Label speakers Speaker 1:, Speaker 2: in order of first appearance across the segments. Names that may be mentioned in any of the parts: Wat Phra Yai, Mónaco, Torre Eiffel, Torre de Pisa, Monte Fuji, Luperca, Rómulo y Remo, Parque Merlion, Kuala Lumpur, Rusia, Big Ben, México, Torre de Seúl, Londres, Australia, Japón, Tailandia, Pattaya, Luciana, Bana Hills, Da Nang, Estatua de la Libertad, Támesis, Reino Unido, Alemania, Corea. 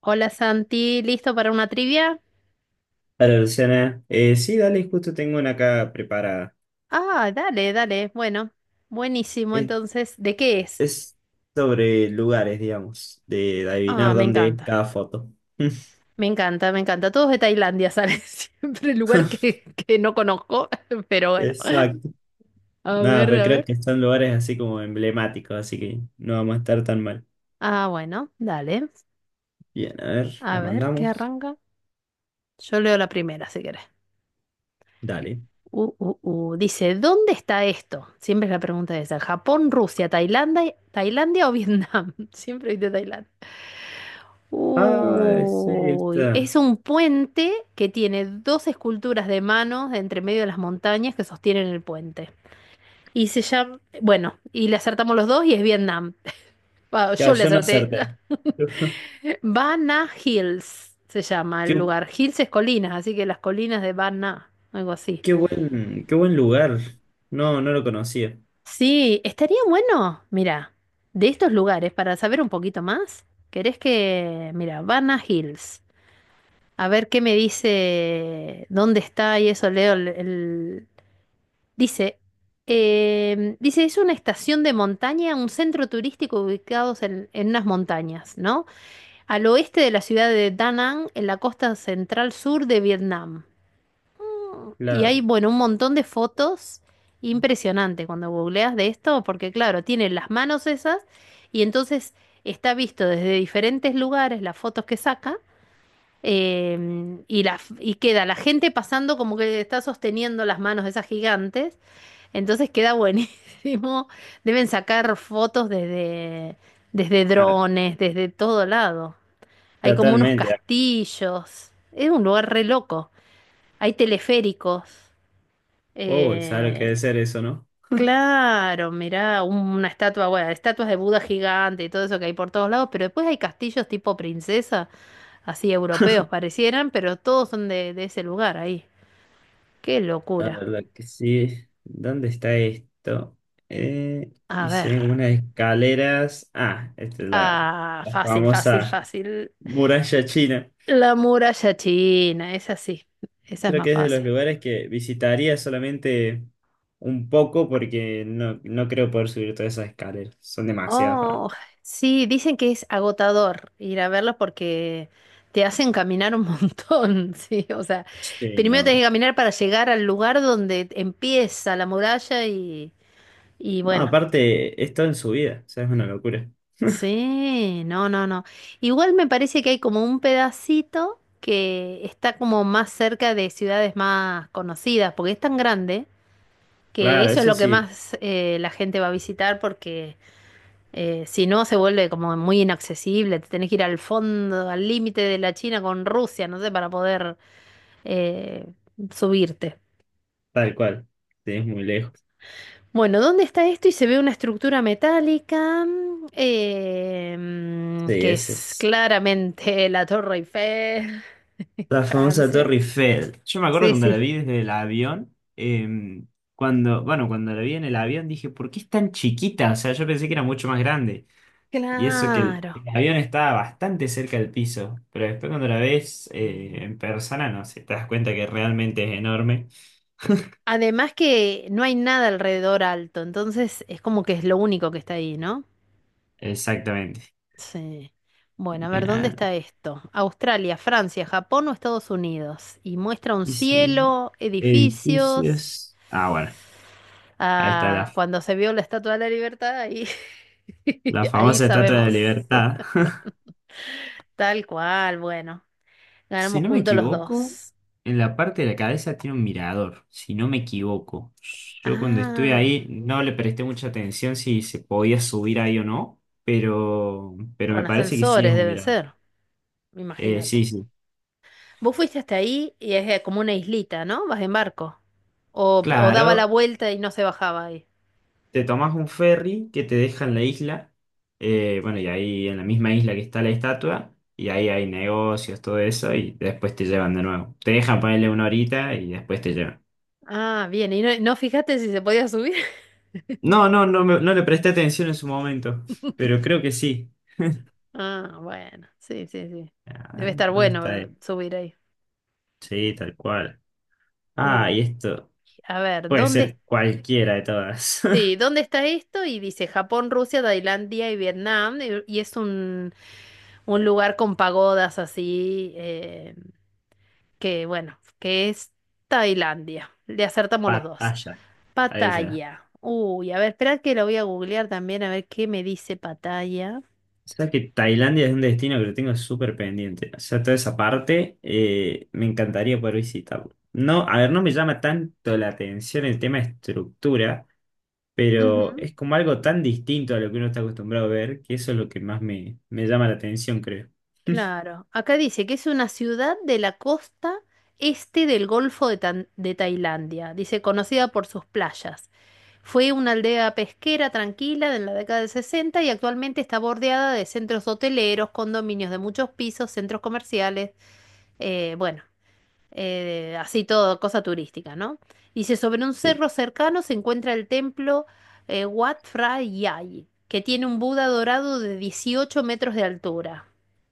Speaker 1: Hola Santi, ¿listo para una trivia?
Speaker 2: Hola Luciana. Sí, dale, justo tengo una acá preparada.
Speaker 1: Ah, dale, dale. Bueno, buenísimo.
Speaker 2: Es,
Speaker 1: Entonces, ¿de qué es?
Speaker 2: es sobre lugares, digamos, de
Speaker 1: Ah,
Speaker 2: adivinar
Speaker 1: me
Speaker 2: dónde es
Speaker 1: encanta,
Speaker 2: cada foto.
Speaker 1: me encanta, me encanta. Todos de Tailandia salen siempre el lugar que no conozco, pero bueno.
Speaker 2: Exacto.
Speaker 1: A
Speaker 2: Nada,
Speaker 1: ver,
Speaker 2: pero
Speaker 1: a
Speaker 2: creo
Speaker 1: ver.
Speaker 2: que son lugares así como emblemáticos, así que no vamos a estar tan mal.
Speaker 1: Ah, bueno, dale.
Speaker 2: Bien, a ver,
Speaker 1: A
Speaker 2: la
Speaker 1: ver, ¿qué
Speaker 2: mandamos.
Speaker 1: arranca? Yo leo la primera, si querés.
Speaker 2: Dale.
Speaker 1: Uh, uh, Dice, ¿dónde está esto? Siempre es la pregunta esa. ¿Japón, Rusia, Tailandia o Vietnam? Siempre de Tailandia.
Speaker 2: Ah, sí,
Speaker 1: Uy,
Speaker 2: está.
Speaker 1: es un puente que tiene dos esculturas de manos de entre medio de las montañas que sostienen el puente. Y se llama, bueno, y le acertamos los dos y es Vietnam. Ah,
Speaker 2: Ya,
Speaker 1: yo le
Speaker 2: yo no
Speaker 1: acerté.
Speaker 2: acerté.
Speaker 1: Bana Hills se llama el
Speaker 2: Qué,
Speaker 1: lugar. Hills es colinas, así que las colinas de Bana, algo así.
Speaker 2: qué buen lugar. No lo conocía.
Speaker 1: Sí, estaría bueno, mira, de estos lugares para saber un poquito más. ¿Querés que, mira, Bana Hills? A ver qué me dice dónde está y eso leo dice dice es una estación de montaña, un centro turístico ubicados en unas montañas, ¿no? Al oeste de la ciudad de Da Nang, en la costa central sur de Vietnam. Y hay,
Speaker 2: Claro.
Speaker 1: bueno, un montón de fotos impresionante cuando googleas de esto, porque claro, tienen las manos esas y entonces está visto desde diferentes lugares las fotos que saca. Y queda la gente pasando como que está sosteniendo las manos de esas gigantes. Entonces queda buenísimo. Deben sacar fotos desde
Speaker 2: Ah,
Speaker 1: drones, desde todo lado. Hay como unos
Speaker 2: totalmente.
Speaker 1: castillos. Es un lugar re loco. Hay teleféricos.
Speaker 2: Uy, ¿sabes lo que debe
Speaker 1: Eh,
Speaker 2: ser eso, no?
Speaker 1: claro, mirá, una estatua, bueno, estatuas de Buda gigante y todo eso que hay por todos lados. Pero después hay castillos tipo princesa así europeos parecieran, pero todos son de ese lugar ahí. Qué
Speaker 2: La
Speaker 1: locura.
Speaker 2: verdad que sí. ¿Dónde está esto? Eh,
Speaker 1: A
Speaker 2: y se
Speaker 1: ver.
Speaker 2: ven como unas escaleras. Ah,
Speaker 1: Ah,
Speaker 2: la
Speaker 1: fácil, fácil,
Speaker 2: famosa
Speaker 1: fácil.
Speaker 2: muralla china.
Speaker 1: La muralla china, esa sí, esa es
Speaker 2: Creo
Speaker 1: más
Speaker 2: que es de
Speaker 1: fácil.
Speaker 2: los lugares que visitaría solamente un poco porque no creo poder subir todas esas escaleras. Son demasiadas para mí.
Speaker 1: Oh, sí, dicen que es agotador ir a verlos porque te hacen caminar un montón, sí, o sea,
Speaker 2: Sí,
Speaker 1: primero
Speaker 2: no.
Speaker 1: tenés que caminar para llegar al lugar donde empieza la muralla y
Speaker 2: No,
Speaker 1: bueno.
Speaker 2: aparte, es todo en su vida. O sea, es una locura.
Speaker 1: Sí, no, no, no. Igual me parece que hay como un pedacito que está como más cerca de ciudades más conocidas, porque es tan grande que
Speaker 2: Claro,
Speaker 1: eso es
Speaker 2: eso
Speaker 1: lo que
Speaker 2: sí,
Speaker 1: más la gente va a visitar, porque si no se vuelve como muy inaccesible, te tenés que ir al fondo, al límite de la China con Rusia, no sé, para poder eh, subirte.
Speaker 2: tal cual. Sí, es muy lejos.
Speaker 1: Bueno, ¿dónde está esto? Y se ve una estructura metálica
Speaker 2: Sí,
Speaker 1: que
Speaker 2: ese
Speaker 1: es
Speaker 2: es.
Speaker 1: claramente la Torre Eiffel,
Speaker 2: La famosa
Speaker 1: Francia.
Speaker 2: Torre Eiffel. Yo me acuerdo
Speaker 1: Sí,
Speaker 2: cuando la
Speaker 1: sí.
Speaker 2: vi desde el avión. Cuando, bueno, cuando la vi en el avión dije, ¿por qué es tan chiquita? O sea, yo pensé que era mucho más grande. Y eso que
Speaker 1: Claro.
Speaker 2: el avión estaba bastante cerca del piso, pero después cuando la ves en persona, no sé, te das cuenta que realmente es enorme.
Speaker 1: Además que no hay nada alrededor alto, entonces es como que es lo único que está ahí, ¿no?
Speaker 2: Exactamente.
Speaker 1: Sí. Bueno, a ver,
Speaker 2: Bien, a
Speaker 1: ¿dónde
Speaker 2: ver,
Speaker 1: está esto? Australia, Francia, Japón o Estados Unidos. Y muestra un
Speaker 2: dice,
Speaker 1: cielo, edificios.
Speaker 2: edificios. Ah, bueno, ahí está
Speaker 1: Ah,
Speaker 2: la,
Speaker 1: cuando se vio la Estatua de la Libertad, ahí,
Speaker 2: la
Speaker 1: ahí
Speaker 2: famosa Estatua de la
Speaker 1: sabemos.
Speaker 2: Libertad.
Speaker 1: Tal cual, bueno.
Speaker 2: Si
Speaker 1: Ganamos
Speaker 2: no me
Speaker 1: puntos los
Speaker 2: equivoco,
Speaker 1: dos.
Speaker 2: en la parte de la cabeza tiene un mirador, si no me equivoco. Yo cuando estuve
Speaker 1: Ah,
Speaker 2: ahí no le presté mucha atención si se podía subir ahí o no, pero me
Speaker 1: con
Speaker 2: parece que sí es
Speaker 1: ascensores
Speaker 2: un
Speaker 1: debe
Speaker 2: mirador.
Speaker 1: ser, imagínate.
Speaker 2: Sí, sí.
Speaker 1: Vos fuiste hasta ahí y es como una islita, ¿no? Vas en barco. O daba la
Speaker 2: Claro,
Speaker 1: vuelta y no se bajaba ahí.
Speaker 2: te tomas un ferry que te deja en la isla, bueno, y ahí en la misma isla que está la estatua, y ahí hay negocios, todo eso, y después te llevan de nuevo. Te dejan ponerle una horita y después te llevan.
Speaker 1: Ah, bien, y no fijaste si se podía subir.
Speaker 2: No, no le presté atención en su momento, pero creo que sí.
Speaker 1: Ah, bueno, sí, sí, sí.
Speaker 2: Ah,
Speaker 1: Debe estar
Speaker 2: ¿dónde está
Speaker 1: bueno
Speaker 2: él?
Speaker 1: subir ahí.
Speaker 2: Sí, tal cual. Ah,
Speaker 1: Uh,
Speaker 2: y esto
Speaker 1: a ver,
Speaker 2: puede ser cualquiera de todas.
Speaker 1: sí, ¿dónde está esto? Y dice Japón, Rusia, Tailandia y Vietnam. Y es un lugar con pagodas así, que bueno, que es Tailandia. Le acertamos los dos.
Speaker 2: Pattaya. Ahí se va.
Speaker 1: Pattaya. Uy, a ver, espera que lo voy a googlear también a ver qué me dice Pattaya.
Speaker 2: O sea que Tailandia es un destino que lo tengo súper pendiente. O sea, toda esa parte me encantaría poder visitarlo. No, a ver, no me llama tanto la atención el tema estructura, pero
Speaker 1: Ujú.
Speaker 2: es como algo tan distinto a lo que uno está acostumbrado a ver, que eso es lo que más me llama la atención, creo.
Speaker 1: Claro, acá dice que es una ciudad de la costa este del Golfo de Tailandia, dice conocida por sus playas. Fue una aldea pesquera tranquila en la década del 60 y actualmente está bordeada de centros hoteleros, condominios de muchos pisos, centros comerciales, bueno, así todo, cosa turística, ¿no? Dice, sobre un
Speaker 2: Sí.
Speaker 1: cerro cercano se encuentra el templo Wat Phra Yai, que tiene un Buda dorado de 18 metros de altura.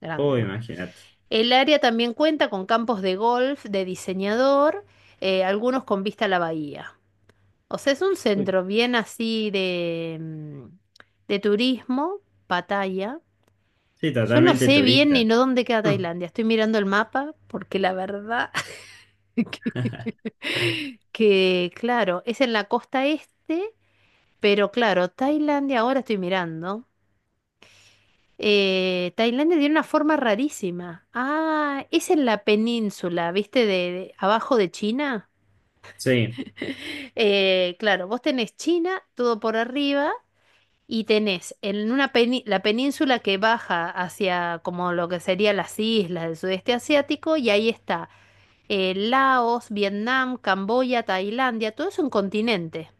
Speaker 1: Grande,
Speaker 2: Oh,
Speaker 1: bueno.
Speaker 2: imagínate.
Speaker 1: El área también cuenta con campos de golf de diseñador, algunos con vista a la bahía. O sea, es un
Speaker 2: Uy.
Speaker 1: centro bien así de turismo, Pattaya.
Speaker 2: Sí,
Speaker 1: Yo no
Speaker 2: totalmente
Speaker 1: sé bien ni
Speaker 2: turista.
Speaker 1: no dónde queda Tailandia. Estoy mirando el mapa porque la verdad que, claro, es en la costa este, pero claro, Tailandia ahora estoy mirando. Tailandia tiene una forma rarísima. Ah, es en la península, ¿viste? De abajo de China.
Speaker 2: Sí,
Speaker 1: Claro, vos tenés China todo por arriba y tenés en la península que baja hacia como lo que serían las islas del sudeste asiático y ahí está Laos, Vietnam, Camboya, Tailandia, todo es un continente.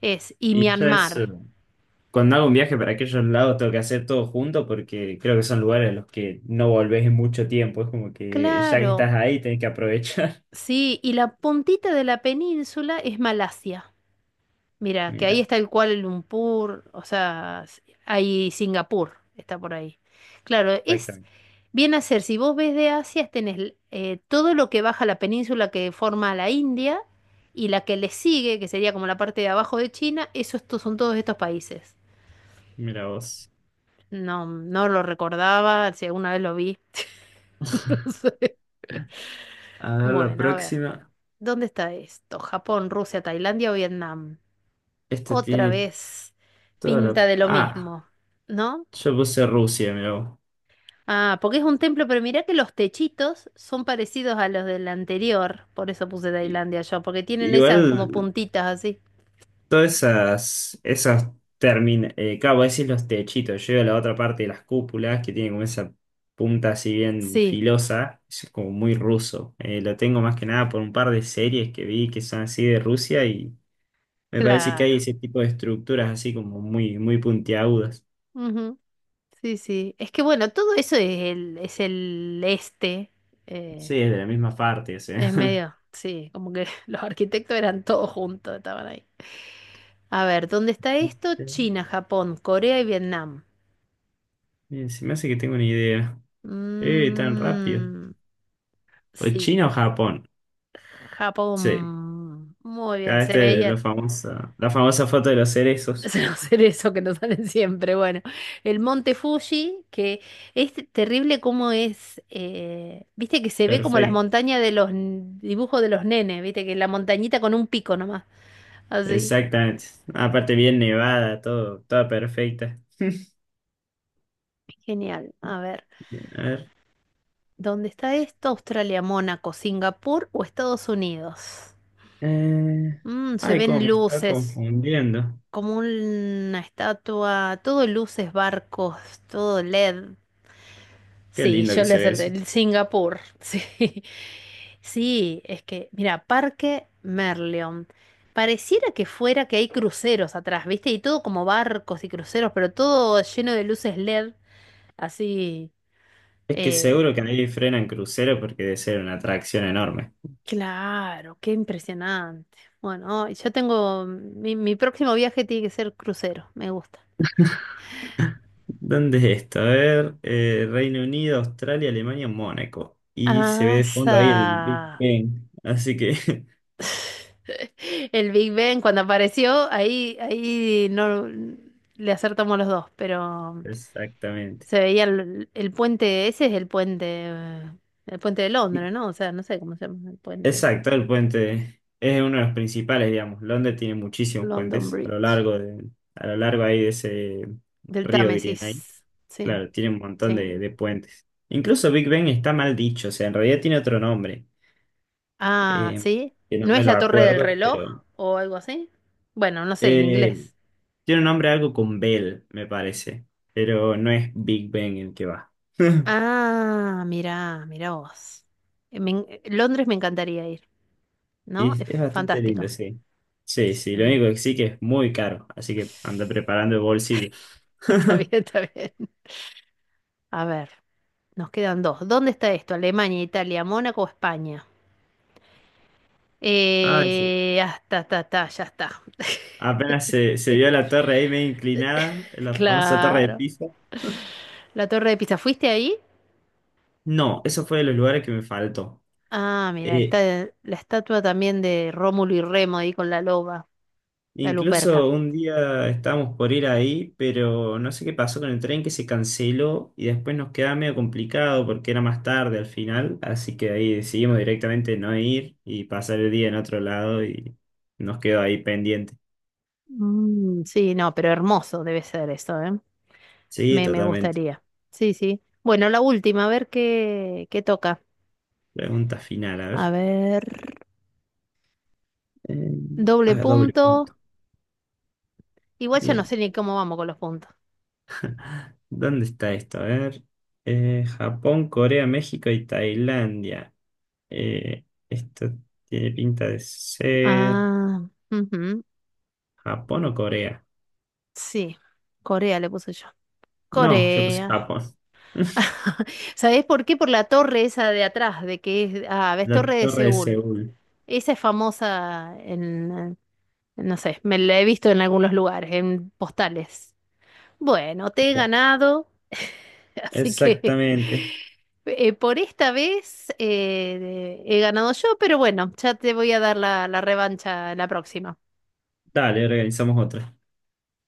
Speaker 1: Es y
Speaker 2: y ya es...
Speaker 1: Myanmar.
Speaker 2: Cuando hago un viaje para aquellos lados tengo que hacer todo junto porque creo que son lugares a los que no volvés en mucho tiempo. Es como que ya que estás
Speaker 1: Claro,
Speaker 2: ahí tenés que aprovechar.
Speaker 1: sí, y la puntita de la península es Malasia. Mira, que ahí
Speaker 2: Mira,
Speaker 1: está el Kuala Lumpur, o sea, hay Singapur, está por ahí. Claro, es
Speaker 2: exactamente.
Speaker 1: bien a ser, si vos ves de Asia, tenés todo lo que baja la península que forma la India y la que le sigue, que sería como la parte de abajo de China, eso estos son todos estos países.
Speaker 2: Mira vos.
Speaker 1: No, no lo recordaba, si alguna vez lo vi, no sé.
Speaker 2: A ver la
Speaker 1: Bueno, a ver,
Speaker 2: próxima.
Speaker 1: ¿dónde está esto? ¿Japón, Rusia, Tailandia o Vietnam?
Speaker 2: Esta
Speaker 1: Otra
Speaker 2: tiene
Speaker 1: vez
Speaker 2: toda la...
Speaker 1: pinta de lo
Speaker 2: Ah,
Speaker 1: mismo, ¿no?
Speaker 2: yo puse Rusia, mira vos.
Speaker 1: Ah, porque es un templo, pero mirá que los techitos son parecidos a los del anterior, por eso puse
Speaker 2: I-
Speaker 1: Tailandia yo, porque tienen esas como
Speaker 2: Igual
Speaker 1: puntitas así.
Speaker 2: Todas esas claro, vos decís los techitos, yo digo la otra parte de las cúpulas que tiene como esa punta así bien
Speaker 1: Sí,
Speaker 2: filosa, es como muy ruso. Lo tengo más que nada por un par de series que vi que son así de Rusia y me parece que
Speaker 1: claro.
Speaker 2: hay ese tipo de estructuras así como muy puntiagudas.
Speaker 1: Ujú. Sí, sí. Es que bueno, todo eso es es el este. eh,
Speaker 2: Sí, es de la misma parte, o
Speaker 1: es
Speaker 2: sea.
Speaker 1: medio, sí, como que los arquitectos eran todos juntos, estaban ahí. A ver, ¿dónde está esto? China, Japón, Corea y Vietnam.
Speaker 2: Bien, se me hace que tengo una idea. Tan rápido.
Speaker 1: Mm,
Speaker 2: O
Speaker 1: sí,
Speaker 2: China o Japón. Sí,
Speaker 1: Japón. Muy bien,
Speaker 2: acá
Speaker 1: se
Speaker 2: este,
Speaker 1: veía.
Speaker 2: la famosa foto de los cerezos.
Speaker 1: Será hacer eso que nos salen siempre. Bueno, el Monte Fuji, que es terrible como es, viste que se ve como las
Speaker 2: Perfecto.
Speaker 1: montañas de los dibujos de los nenes, viste que la montañita con un pico nomás, así.
Speaker 2: Exactamente. Aparte bien nevada, todo, toda perfecta.
Speaker 1: Genial. A ver,
Speaker 2: Bien, a ver.
Speaker 1: ¿dónde está esto? Australia, Mónaco, Singapur o Estados Unidos.
Speaker 2: Eh,
Speaker 1: Se
Speaker 2: Ay, cómo
Speaker 1: ven
Speaker 2: me está
Speaker 1: luces,
Speaker 2: confundiendo.
Speaker 1: como una estatua, todo luces, barcos, todo LED.
Speaker 2: Qué
Speaker 1: Sí,
Speaker 2: lindo
Speaker 1: yo
Speaker 2: que
Speaker 1: le
Speaker 2: se ve
Speaker 1: acerté
Speaker 2: eso.
Speaker 1: el Singapur. Sí. Sí, es que, mira, Parque Merlion. Pareciera que fuera que hay cruceros atrás, ¿viste? Y todo como barcos y cruceros, pero todo lleno de luces LED, así.
Speaker 2: Es que seguro
Speaker 1: eh,
Speaker 2: que ahí frenan crucero porque debe ser una atracción enorme.
Speaker 1: claro, qué impresionante. Bueno, ay, yo tengo. Mi próximo viaje tiene que ser crucero, me gusta.
Speaker 2: ¿Dónde es esto? A ver, Reino Unido, Australia, Alemania, Mónaco. Y se ve de
Speaker 1: Asa.
Speaker 2: fondo ahí el Big Ben. Así que,
Speaker 1: El Big Ben cuando apareció, ahí no le acertamos los dos, pero
Speaker 2: exactamente.
Speaker 1: se veía el puente, ese es el puente de Londres, ¿no? O sea, no sé cómo se llama el puente ese.
Speaker 2: Exacto, el puente es uno de los principales, digamos. Londres tiene muchísimos
Speaker 1: London
Speaker 2: puentes
Speaker 1: Bridge,
Speaker 2: a lo largo ahí de ese
Speaker 1: del
Speaker 2: río que tiene ahí.
Speaker 1: Támesis, sí,
Speaker 2: Claro, tiene un montón
Speaker 1: sí.
Speaker 2: de puentes. Incluso Big Ben está mal dicho, o sea, en realidad tiene otro nombre,
Speaker 1: Ah,
Speaker 2: eh,
Speaker 1: sí.
Speaker 2: que no
Speaker 1: ¿No
Speaker 2: me
Speaker 1: es
Speaker 2: lo
Speaker 1: la torre del
Speaker 2: acuerdo,
Speaker 1: reloj
Speaker 2: pero
Speaker 1: o algo así? Bueno, no sé, en
Speaker 2: eh,
Speaker 1: inglés.
Speaker 2: tiene un nombre algo con Bell, me parece, pero no es Big Ben el que va.
Speaker 1: Ah, mirá, mirá vos. Londres me encantaría ir, ¿no? Es
Speaker 2: Es bastante lindo,
Speaker 1: fantástico.
Speaker 2: sí. Sí, sí, lo
Speaker 1: Sí.
Speaker 2: único que sí que es muy caro, así que anda preparando el bolsillo.
Speaker 1: Está bien, está bien. A ver, nos quedan dos. ¿Dónde está esto? ¿Alemania, Italia, Mónaco o España?
Speaker 2: Ah, sí.
Speaker 1: Ya está.
Speaker 2: Se vio la torre ahí medio inclinada, la famosa torre de
Speaker 1: Claro.
Speaker 2: Pisa.
Speaker 1: La Torre de Pisa, ¿fuiste ahí?
Speaker 2: No, eso fue de los lugares que me faltó.
Speaker 1: Ah, mira,
Speaker 2: Eh,
Speaker 1: está la estatua también de Rómulo y Remo ahí con la loba, la Luperca.
Speaker 2: Incluso un día estábamos por ir ahí, pero no sé qué pasó con el tren que se canceló y después nos quedaba medio complicado porque era más tarde al final, así que ahí decidimos directamente no ir y pasar el día en otro lado y nos quedó ahí pendiente.
Speaker 1: Mm, sí, no, pero hermoso debe ser eso, ¿eh?
Speaker 2: Sí,
Speaker 1: Me
Speaker 2: totalmente.
Speaker 1: gustaría. Sí, sí. Bueno, la última, a ver qué toca.
Speaker 2: Pregunta final, a
Speaker 1: A
Speaker 2: ver.
Speaker 1: ver,
Speaker 2: Eh,
Speaker 1: doble
Speaker 2: a doble
Speaker 1: punto.
Speaker 2: punto.
Speaker 1: Igual ya no
Speaker 2: Bien.
Speaker 1: sé ni cómo vamos con los puntos.
Speaker 2: ¿Dónde está esto? A ver. Japón, Corea, México y Tailandia. Esto tiene pinta de ser
Speaker 1: Ah, ujú,
Speaker 2: Japón o Corea.
Speaker 1: sí. Corea le puse yo.
Speaker 2: No, yo puse
Speaker 1: Corea.
Speaker 2: Japón.
Speaker 1: ¿Sabés por qué? Por la torre esa de atrás, de que es, ah, ves,
Speaker 2: La
Speaker 1: Torre de
Speaker 2: Torre de
Speaker 1: Seúl.
Speaker 2: Seúl.
Speaker 1: Esa es famosa en, no sé, me la he visto en algunos lugares, en postales. Bueno, te he ganado, así que
Speaker 2: Exactamente.
Speaker 1: por esta vez he ganado yo, pero bueno, ya te voy a dar la revancha la próxima.
Speaker 2: Dale, organizamos otra.